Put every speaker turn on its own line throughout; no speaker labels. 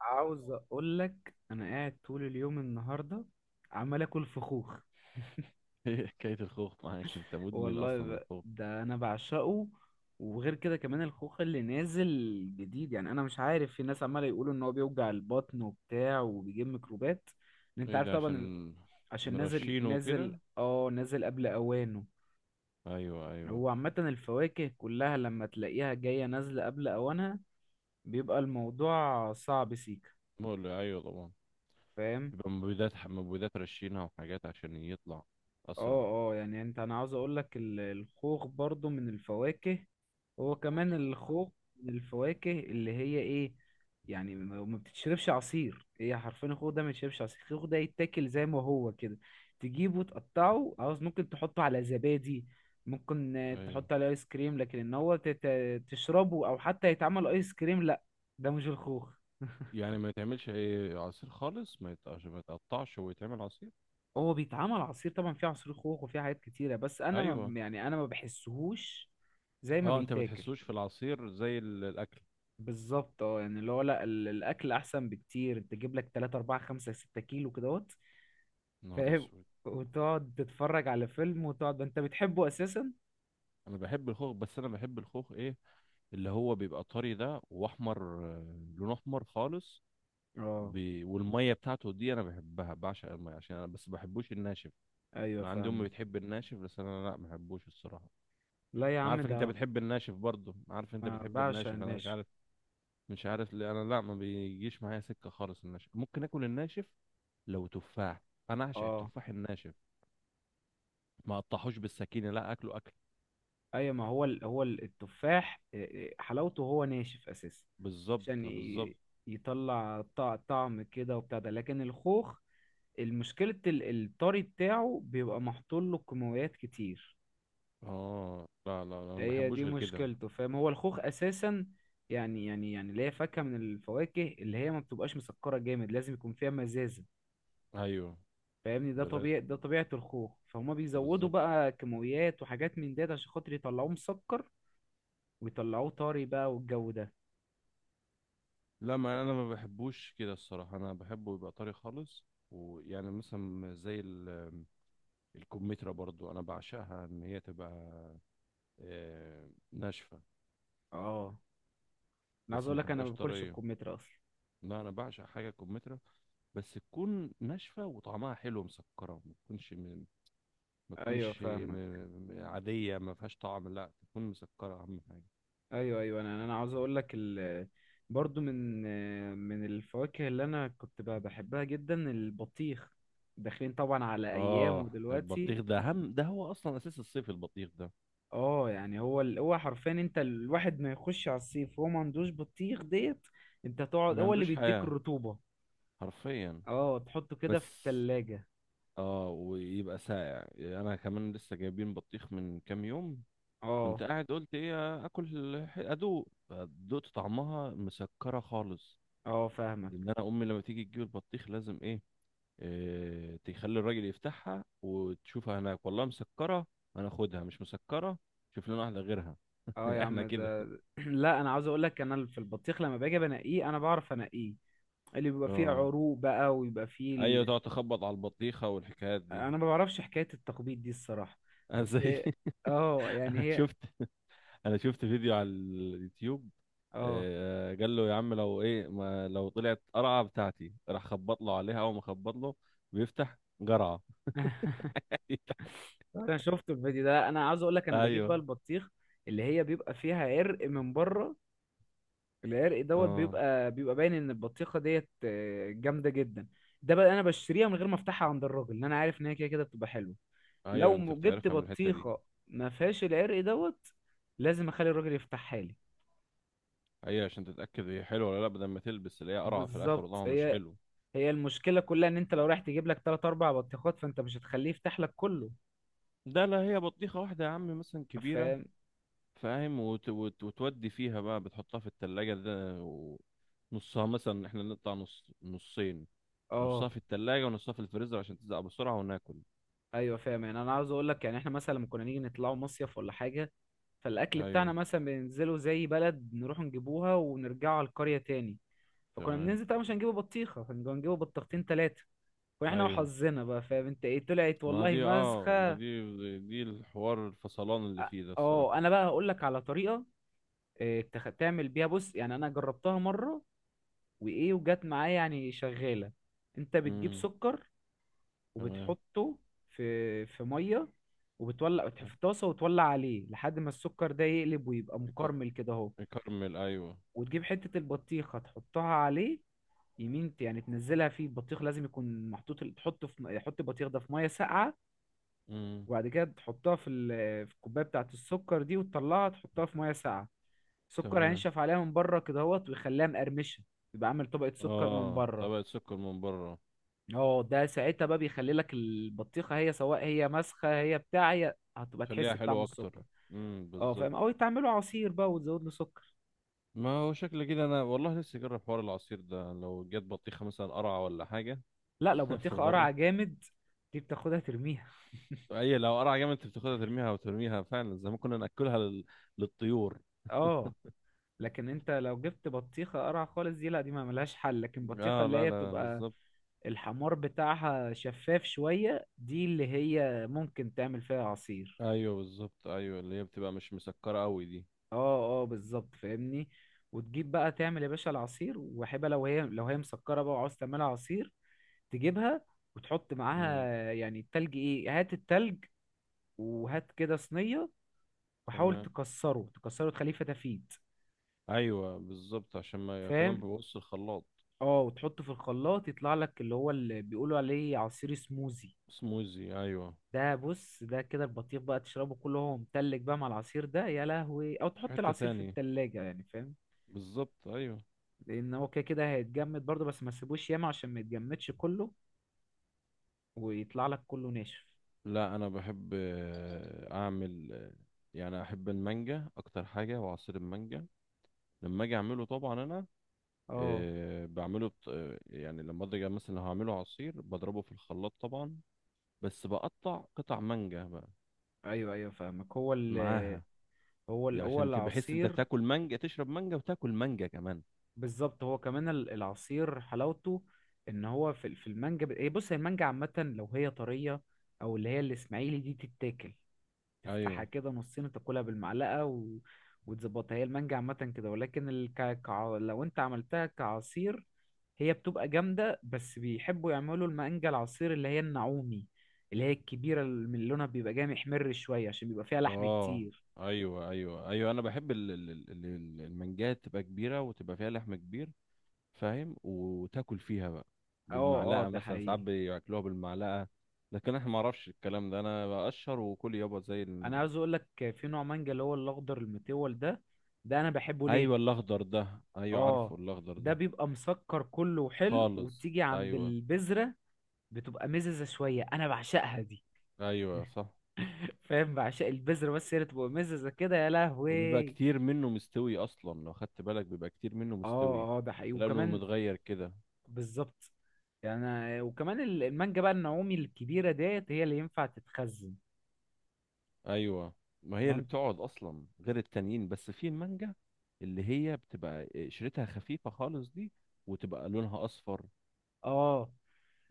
عاوز اقول لك انا قاعد طول اليوم النهارده، عمال اكل فخوخ.
ايه حكاية الخوخ معاك؟ انت مدمن
والله،
اصلا من الخوخ.
ده انا بعشقه. وغير كده كمان الخوخ اللي نازل جديد، يعني انا مش عارف، في ناس عماله يقولوا ان هو بيوجع البطن وبتاع وبيجيب ميكروبات، ان انت
ايه
عارف
ده؟
طبعا.
عشان
عشان
مرشينه وكده؟
نازل قبل اوانه.
ايوه، ايوه.
هو عامه الفواكه كلها لما تلاقيها جايه نازله قبل اوانها، بيبقى الموضوع صعب سيكا،
مقل ايوه طبعا.
فاهم؟
يبقى مبيدات مبيدات رشينها وحاجات عشان يطلع اسرع.
اه اه، يعني انا عاوز اقول لك الخوخ برضو من الفواكه، هو كمان الخوخ من الفواكه اللي هي ايه، يعني ما بتتشربش عصير، هي حرفيا الخوخ ده ما يتشربش عصير. الخوخ ده يتاكل زي ما هو كده، تجيبه تقطعه، عاوز، ممكن تحطه على زبادي، ممكن
ايوه،
تحطه على ايس كريم، لكن ان هو تشربه، او حتى يتعمل ايس كريم، لا. ده مش الخوخ.
يعني ما يتعملش اي عصير خالص، ما يت- عشان ما يتقطعش ويتعمل عصير.
هو بيتعمل عصير طبعا، فيه عصير خوخ وفيه حاجات كتيرة، بس انا
ايوه.
ما يعني انا ما بحسهوش زي ما
اه، انت ما
بيتاكل،
بتحسوش في العصير زي الاكل.
بالظبط. اه، يعني اللي هو لا، الاكل احسن بكتير، تجيب لك 3 4 5 6 كيلو كدهوت،
نهار
فاهم،
اسود.
وتقعد تتفرج على فيلم، وتقعد انت بتحبه اساسا.
انا بحب الخوخ، بس انا بحب الخوخ ايه؟ اللي هو بيبقى طري ده واحمر، لون احمر خالص.
اه،
والميه بتاعته دي انا بحبها، بعشق الميه، عشان انا بس بحبوش الناشف.
ايوه،
انا عندي امي
فاهمك.
بتحب الناشف، بس انا لا، ما بحبوش الصراحه.
لا يا
انا
عم،
عارفك انت
ده
بتحب الناشف برضه، انا عارف انت
ما
بتحب
بعشق
الناشف، انا مش
الناشف.
عارف. مش عارف ليه، انا لا، ما بيجيش معايا سكه خالص الناشف. ممكن اكل الناشف لو تفاح. انا اعشق
اه،
التفاح الناشف، ما اقطعوش بالسكينه، لا اكله اكل.
ايوه، ما هو التفاح، حلاوته هو ناشف اساسا،
بالظبط،
عشان
بالظبط.
يطلع طعم كده وبتاع ده، لكن الخوخ المشكلة الطري بتاعه بيبقى محطول له كيماويات كتير،
اه، لا لا لا، انا ما
هي
بحبوش
دي
غير كده.
مشكلته، فاهم؟ هو الخوخ اساسا يعني، اللي هي فاكهة من الفواكه اللي هي ما بتبقاش مسكرة جامد، لازم يكون فيها مزازة،
ايوه.
فاهمني؟ ده
دراسه.
طبيعي، ده طبيعة الخوخ، فهما بيزودوا
بالظبط.
بقى كيماويات وحاجات من ديت عشان خاطر يطلعوه مسكر، ويطلعوه طري بقى والجو ده.
لا، ما انا ما بحبوش كده الصراحه، انا بحبه يبقى طري خالص. ويعني مثلا زي الكمثرى، برضو انا بعشقها ان هي تبقى ناشفه.
اه، انا عاوز
بس ما
اقول لك انا ما
بحبهاش
باكلش
طريه.
الكمثرى اصلا.
لا انا بعشق حاجه كمثرى، بس تكون ناشفه وطعمها حلو مسكره، ما تكونش م- ما
ايوه،
تكونش م-
فاهمك.
م- عاديه، ما فيهاش طعم، لا تكون مسكره اهم حاجه.
ايوه، ايوه، انا عاوز اقول لك، برضو من الفواكه اللي انا كنت بحبها جدا، البطيخ. داخلين طبعا على ايامه
اه
دلوقتي.
البطيخ ده اهم، ده هو اصلا اساس الصيف البطيخ ده.
اه، يعني هو حرفيا انت، الواحد ما يخش على الصيف وهو ما عندوش بطيخ ديت، انت تقعد،
ما
هو اللي
عندوش
بيديك
حياه
الرطوبة.
حرفيا.
اه، تحطه كده في
بس.
التلاجة.
اه ويبقى ساقع. يعني انا كمان لسه جايبين بطيخ من كام يوم، كنت
اه،
قاعد قلت ايه، اكل، ادوق، فدقت طعمها مسكره خالص.
اه، فاهمك.
ان انا امي لما تيجي تجيب البطيخ لازم ايه، إيه، تخلي الراجل يفتحها وتشوفها هناك، والله مسكره، انا اخدها، مش مسكره، شوف لنا واحده غيرها.
اه يا عم
احنا كده.
ده لا، انا عاوز اقول لك انا في البطيخ لما باجي بنقيه انا بعرف انقيه، اللي بيبقى فيه
اه.
عروق بقى، ويبقى فيه
ايوه، تقعد تخبط على البطيخه والحكايات دي.
انا ما بعرفش حكاية التخبيط دي الصراحة،
أنا زي
بس اه، يعني
انا
هي.
شفت انا شفت فيديو على اليوتيوب،
اه،
قال له يا عم لو ايه، ما لو طلعت قرعه بتاعتي، راح خبط له عليها، اول ما خبط له بيفتح قرعه.
انا شفت الفيديو ده. انا عاوز اقول لك انا بجيب
ايوه.
بقى البطيخ اللي هي بيبقى فيها عرق من بره، العرق دوت
اه،
بيبقى، باين ان البطيخه ديت جامده جدا. ده بقى انا بشتريها من غير ما افتحها عند الراجل، لان انا عارف ان هي كده كده بتبقى حلوه.
ايوه،
لو
انت
جبت
بتعرفها من الحته دي.
بطيخه ما فيهاش العرق دوت، لازم اخلي الراجل يفتحها لي.
ايوه عشان تتاكد هي حلوه ولا لا، بدل ما تلبس اللي هي قرعه في الاخر
بالظبط،
والله مش حلو.
هي المشكلة كلها ان انت لو رايح تجيب لك تلات اربع بطيخات، فانت مش هتخليه يفتح لك كله،
ده لا، هي بطيخه واحده يا عم، مثلا كبيره،
فاهم؟
فاهم، وتودي فيها بقى، بتحطها في التلاجة ده و... نصها مثلا، احنا نقطع نص نصين،
اه،
نصها في التلاجة ونصها في الفريزر عشان تزق بسرعة وناكل.
ايوه، فاهم. يعني انا عاوز اقول لك، يعني احنا مثلا لما كنا نيجي نطلعوا مصيف ولا حاجة، فالاكل بتاعنا
ايوه،
مثلا بننزله زي بلد، نروح نجيبوها ونرجعوا على القرية تاني، فكنا
تمام.
بننزل طبعا مش هنجيبه بطيخة، كنا هنجيبه بطيختين تلاتة، واحنا
ايوه،
وحظنا بقى، فاهم انت ايه، طلعت
ما
والله
دي اه ما
مسخة.
دي دي الحوار الفصلان اللي فيه ده الصراحة.
اه، انا بقى هقول لك على طريقة، تعمل بيها، بص، يعني انا جربتها مرة، وايه، وجت معايا يعني، شغاله. انت بتجيب
امم
سكر
تمام.
وبتحطه في ميه، وبتولع، في طاسه، وتولع عليه لحد ما السكر ده يقلب ويبقى
يك-
مكرمل كده اهو،
يكرمل، ايوه.
وتجيب حته البطيخه تحطها عليه، يعني تنزلها فيه، البطيخ لازم يكون محطوط، تحطه في حط البطيخ ده في ميه ساقعه،
امم
وبعد كده تحطها في في الكوبايه بتاعه السكر دي، وتطلعها تحطها في ميه ساقعه، السكر
تمام.
هينشف عليها من بره كده اهوت، ويخليها مقرمشه، يبقى عامل طبقه سكر من
اه،
بره.
طبقة سكر من بره.
اه، ده ساعتها بقى بيخلي لك البطيخه هي، سواء هي مسخه هي بتاع، هي هتبقى
خليها
تحس بطعم
حلوة اكتر.
السكر. اه، فاهم،
بالظبط.
او تعمله عصير بقى وتزود له سكر.
ما هو شكل كده، انا والله لسه جرب حوار العصير ده لو جت بطيخة مثلا قرعة ولا حاجة.
لا، لو
في
بطيخه
مرة.
قرعه جامد، دي بتاخدها ترميها.
اي لو قرعة جامد انت بتاخدها ترميها، وترميها فعلا زي ما كنا ناكلها للطيور.
اه، لكن انت لو جبت بطيخه قرعه خالص، دي لا، دي ما ملهاش حل، لكن بطيخه
اه
اللي
لا
هي
لا،
بتبقى
بالظبط.
الحمار بتاعها شفاف شويه، دي اللي هي ممكن تعمل فيها عصير.
ايوه بالظبط، ايوه اللي هي بتبقى مش مسكره قوي دي.
اه، اه، بالظبط، فاهمني. وتجيب بقى تعمل يا باشا العصير وحبه، لو هي، مسكره بقى وعاوز تعملها عصير، تجيبها وتحط معاها
امم
يعني التلج، ايه، هات التلج، وهات كده صينية، وحاول
تمام.
تكسره تخليه فتافيت،
ايوه بالظبط، عشان ما كمان
فاهم.
ببص الخلاط.
اه، وتحطه في الخلاط يطلع لك اللي هو اللي بيقولوا عليه عصير سموزي،
سموزي، ايوه.
ده بص ده كده البطيخ بقى تشربه كله، هو متلج بقى مع العصير ده، يا لهوي، او
في
تحط
حته
العصير في
تانية.
التلاجة يعني، فاهم،
بالظبط، ايوه.
لان هو كده كده هيتجمد برضه، بس ما تسيبوش ياما عشان ما يتجمدش كله ويطلع لك كله ناشف.
لا انا بحب اعمل يعني احب المانجا اكتر حاجه، وعصير المانجا لما اجي اعمله طبعا انا،
اه،
بعمله بط... آه، يعني لما اجي مثلا لو هعمله عصير بضربه في الخلاط طبعا، بس بقطع قطع مانجا بقى
ايوه، ايوه، فاهمك.
معاها، دي
هو
عشان تبقى حس انت
العصير
تاكل مانجا، تشرب مانجا وتاكل مانجا كمان.
بالظبط. هو كمان العصير حلاوته ان هو في في المانجا، ب- إيه، بص، هي المانجا عامه لو هي طريه، او اللي هي الاسماعيلي دي، تتاكل تفتحها
ايوه.
كده نصين وتاكلها بالمعلقه، وتظبطها. هي المانجا عامه كده، ولكن لو انت عملتها كعصير، هي بتبقى جامده، بس بيحبوا يعملوا المانجا العصير اللي هي النعومي، اللي هي الكبيره اللي من لونها بيبقى جامح محمر شويه، عشان بيبقى فيها لحم
اه
كتير.
ايوه ايوه ايوه، انا بحب المانجات تبقى كبيره وتبقى فيها لحم كبير، فاهم، وتاكل فيها بقى
اه، اه،
بالمعلقه،
ده
مثلا ساعات
حقيقي.
بياكلوها بالمعلقه. لكن احنا ما اعرفش الكلام ده، انا بقشر وكل يابا زي
انا عاوز اقول لك في نوع مانجا اللي هو الاخضر المتول ده، ده انا بحبه ليه،
ايوه الاخضر ده، ايوه
اه،
عارفه الاخضر
ده
ده
بيبقى مسكر كله وحلو،
خالص.
وتيجي عند
ايوه،
البذرة بتبقى مززة شوية، انا بعشقها دي.
ايوه صح،
فاهم، بعشق البذرة، بس هي اللي تبقى مززة كده، يا
وبيبقى
لهوي.
كتير منه مستوي اصلا، لو خدت بالك بيبقى كتير منه مستوي،
اه، اه، ده حقيقي
لانه
وكمان،
متغير كده.
بالظبط. يعني وكمان المانجا بقى النعومي الكبيرة ديت هي اللي ينفع تتخزن.
ايوه، ما هي اللي
مم-
بتقعد اصلا غير التانيين، بس في المانجا اللي هي بتبقى قشرتها خفيفه خالص دي، وتبقى لونها اصفر،
اه،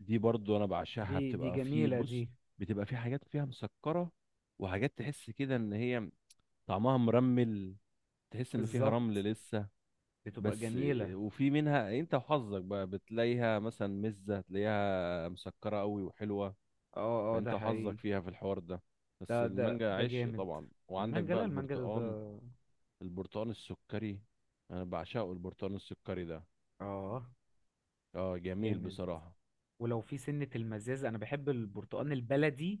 دي برضو انا بعشقها،
دي
بتبقى في،
جميلة دي،
بص، بتبقى في حاجات فيها مسكره، وحاجات تحس كده ان هي طعمها مرمل، تحس ان فيها رمل
بالظبط،
لسه.
بتبقى
بس،
جميلة.
وفي منها انت وحظك بقى، بتلاقيها مثلا مزه، تلاقيها مسكره قوي وحلوه،
اه، اه،
فانت
ده
وحظك
حقيقي.
فيها في الحوار ده. بس المانجا
ده
عشق
جامد،
طبعا، وعندك
المانجا،
بقى
لا، المانجا ده ده.
البرتقال، البرتقال السكري، انا بعشقه البرتقال السكري ده.
اه،
اه جميل
جامد.
بصراحة.
ولو في سنة المزازة أنا بحب البرتقال البلدي،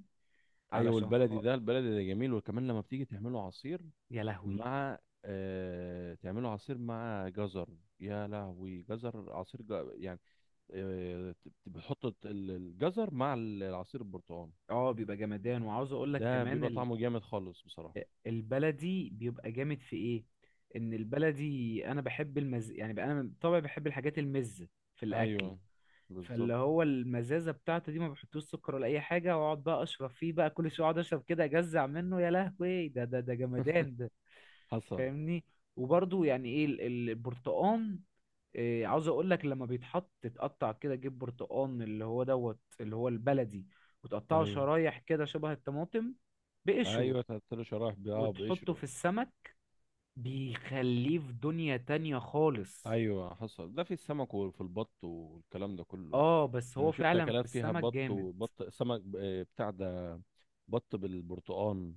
ايوه
علشان
البلدي ده، البلدي ده جميل، وكمان لما بتيجي تعمله عصير،
يا لهوي،
مع تعمله عصير مع جزر، يا لهوي، جزر عصير يعني، آه بتحط الجزر مع العصير البرتقال،
اه، بيبقى جمدان. وعاوز أقول لك
ده
كمان،
بيبقى طعمه جامد خالص بصراحة.
البلدي بيبقى جامد في إيه، إن البلدي أنا بحب المز يعني بقى، أنا طبعا بحب الحاجات المزة في الأكل،
ايوه بالظبط،
فاللي هو المزازة بتاعته دي ما بحطوش سكر ولا أي حاجة، وأقعد بقى أشرب فيه بقى كل شوية، أقعد أشرب كده أجزع منه، يا لهوي، ده جمدان ده.
حصل.
فاهمني. وبرضو، يعني ايه البرتقان، إيه، عاوز اقول لك لما بيتحط تتقطع كده، جيب برتقان اللي هو دوت، اللي هو البلدي، وتقطعه
ايوه،
شرايح كده شبه الطماطم بقشره،
ايوه، تلات شرايح
وتحطه
بقشره.
في السمك، بيخليه في دنيا تانية خالص.
ايوه حصل، ده في السمك وفي البط والكلام ده كله.
اه، بس
انا
هو
شفت
فعلا في
اكلات فيها
السمك
بط،
جامد،
وبط سمك، بتاع ده، بط بالبرتقال.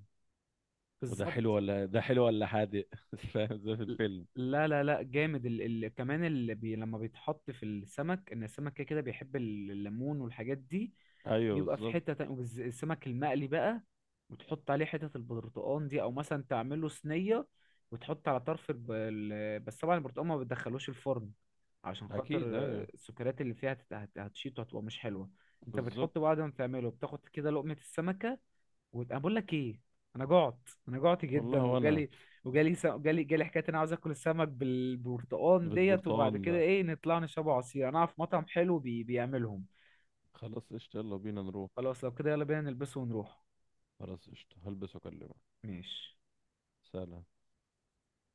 وده
بالظبط.
حلو ولا ده حلو ولا حادق، فاهم؟ زي في الفيلم.
لا، لا، لا، جامد. كمان اللي لما بيتحط في السمك، ان السمك كده كده بيحب الليمون والحاجات دي،
ايوه
بيبقى في
بالظبط.
حتة تانية. والسمك المقلي بقى، وتحط عليه حتة البرتقان دي، او مثلا تعمله صينية وتحط على طرف بس طبعا البرتقان ما بتدخلوش الفرن، عشان خاطر
اكيد، ايوه
السكريات اللي فيها هتشيط وهتبقى مش حلوة. انت
بالظبط.
بتحط بعد ما تعمله بتاخد كده لقمة السمكة، وانا بقول لك ايه، انا جعت
والله
جدا،
وانا.
وجالي، وجالي س... جالي جالي حكايه إن انا عاوز اكل السمك بالبرتقال ديت،
بالبرتقال
وبعد كده
ده،
ايه، نطلع نشرب عصير، انا اعرف مطعم حلو بيعملهم.
خلاص قشطة، يلا بينا نروح.
خلاص، لو كده يلا بينا نلبسه ونروح.
خلاص قشطة، هلبس واكلمك.
ماشي.
سلام.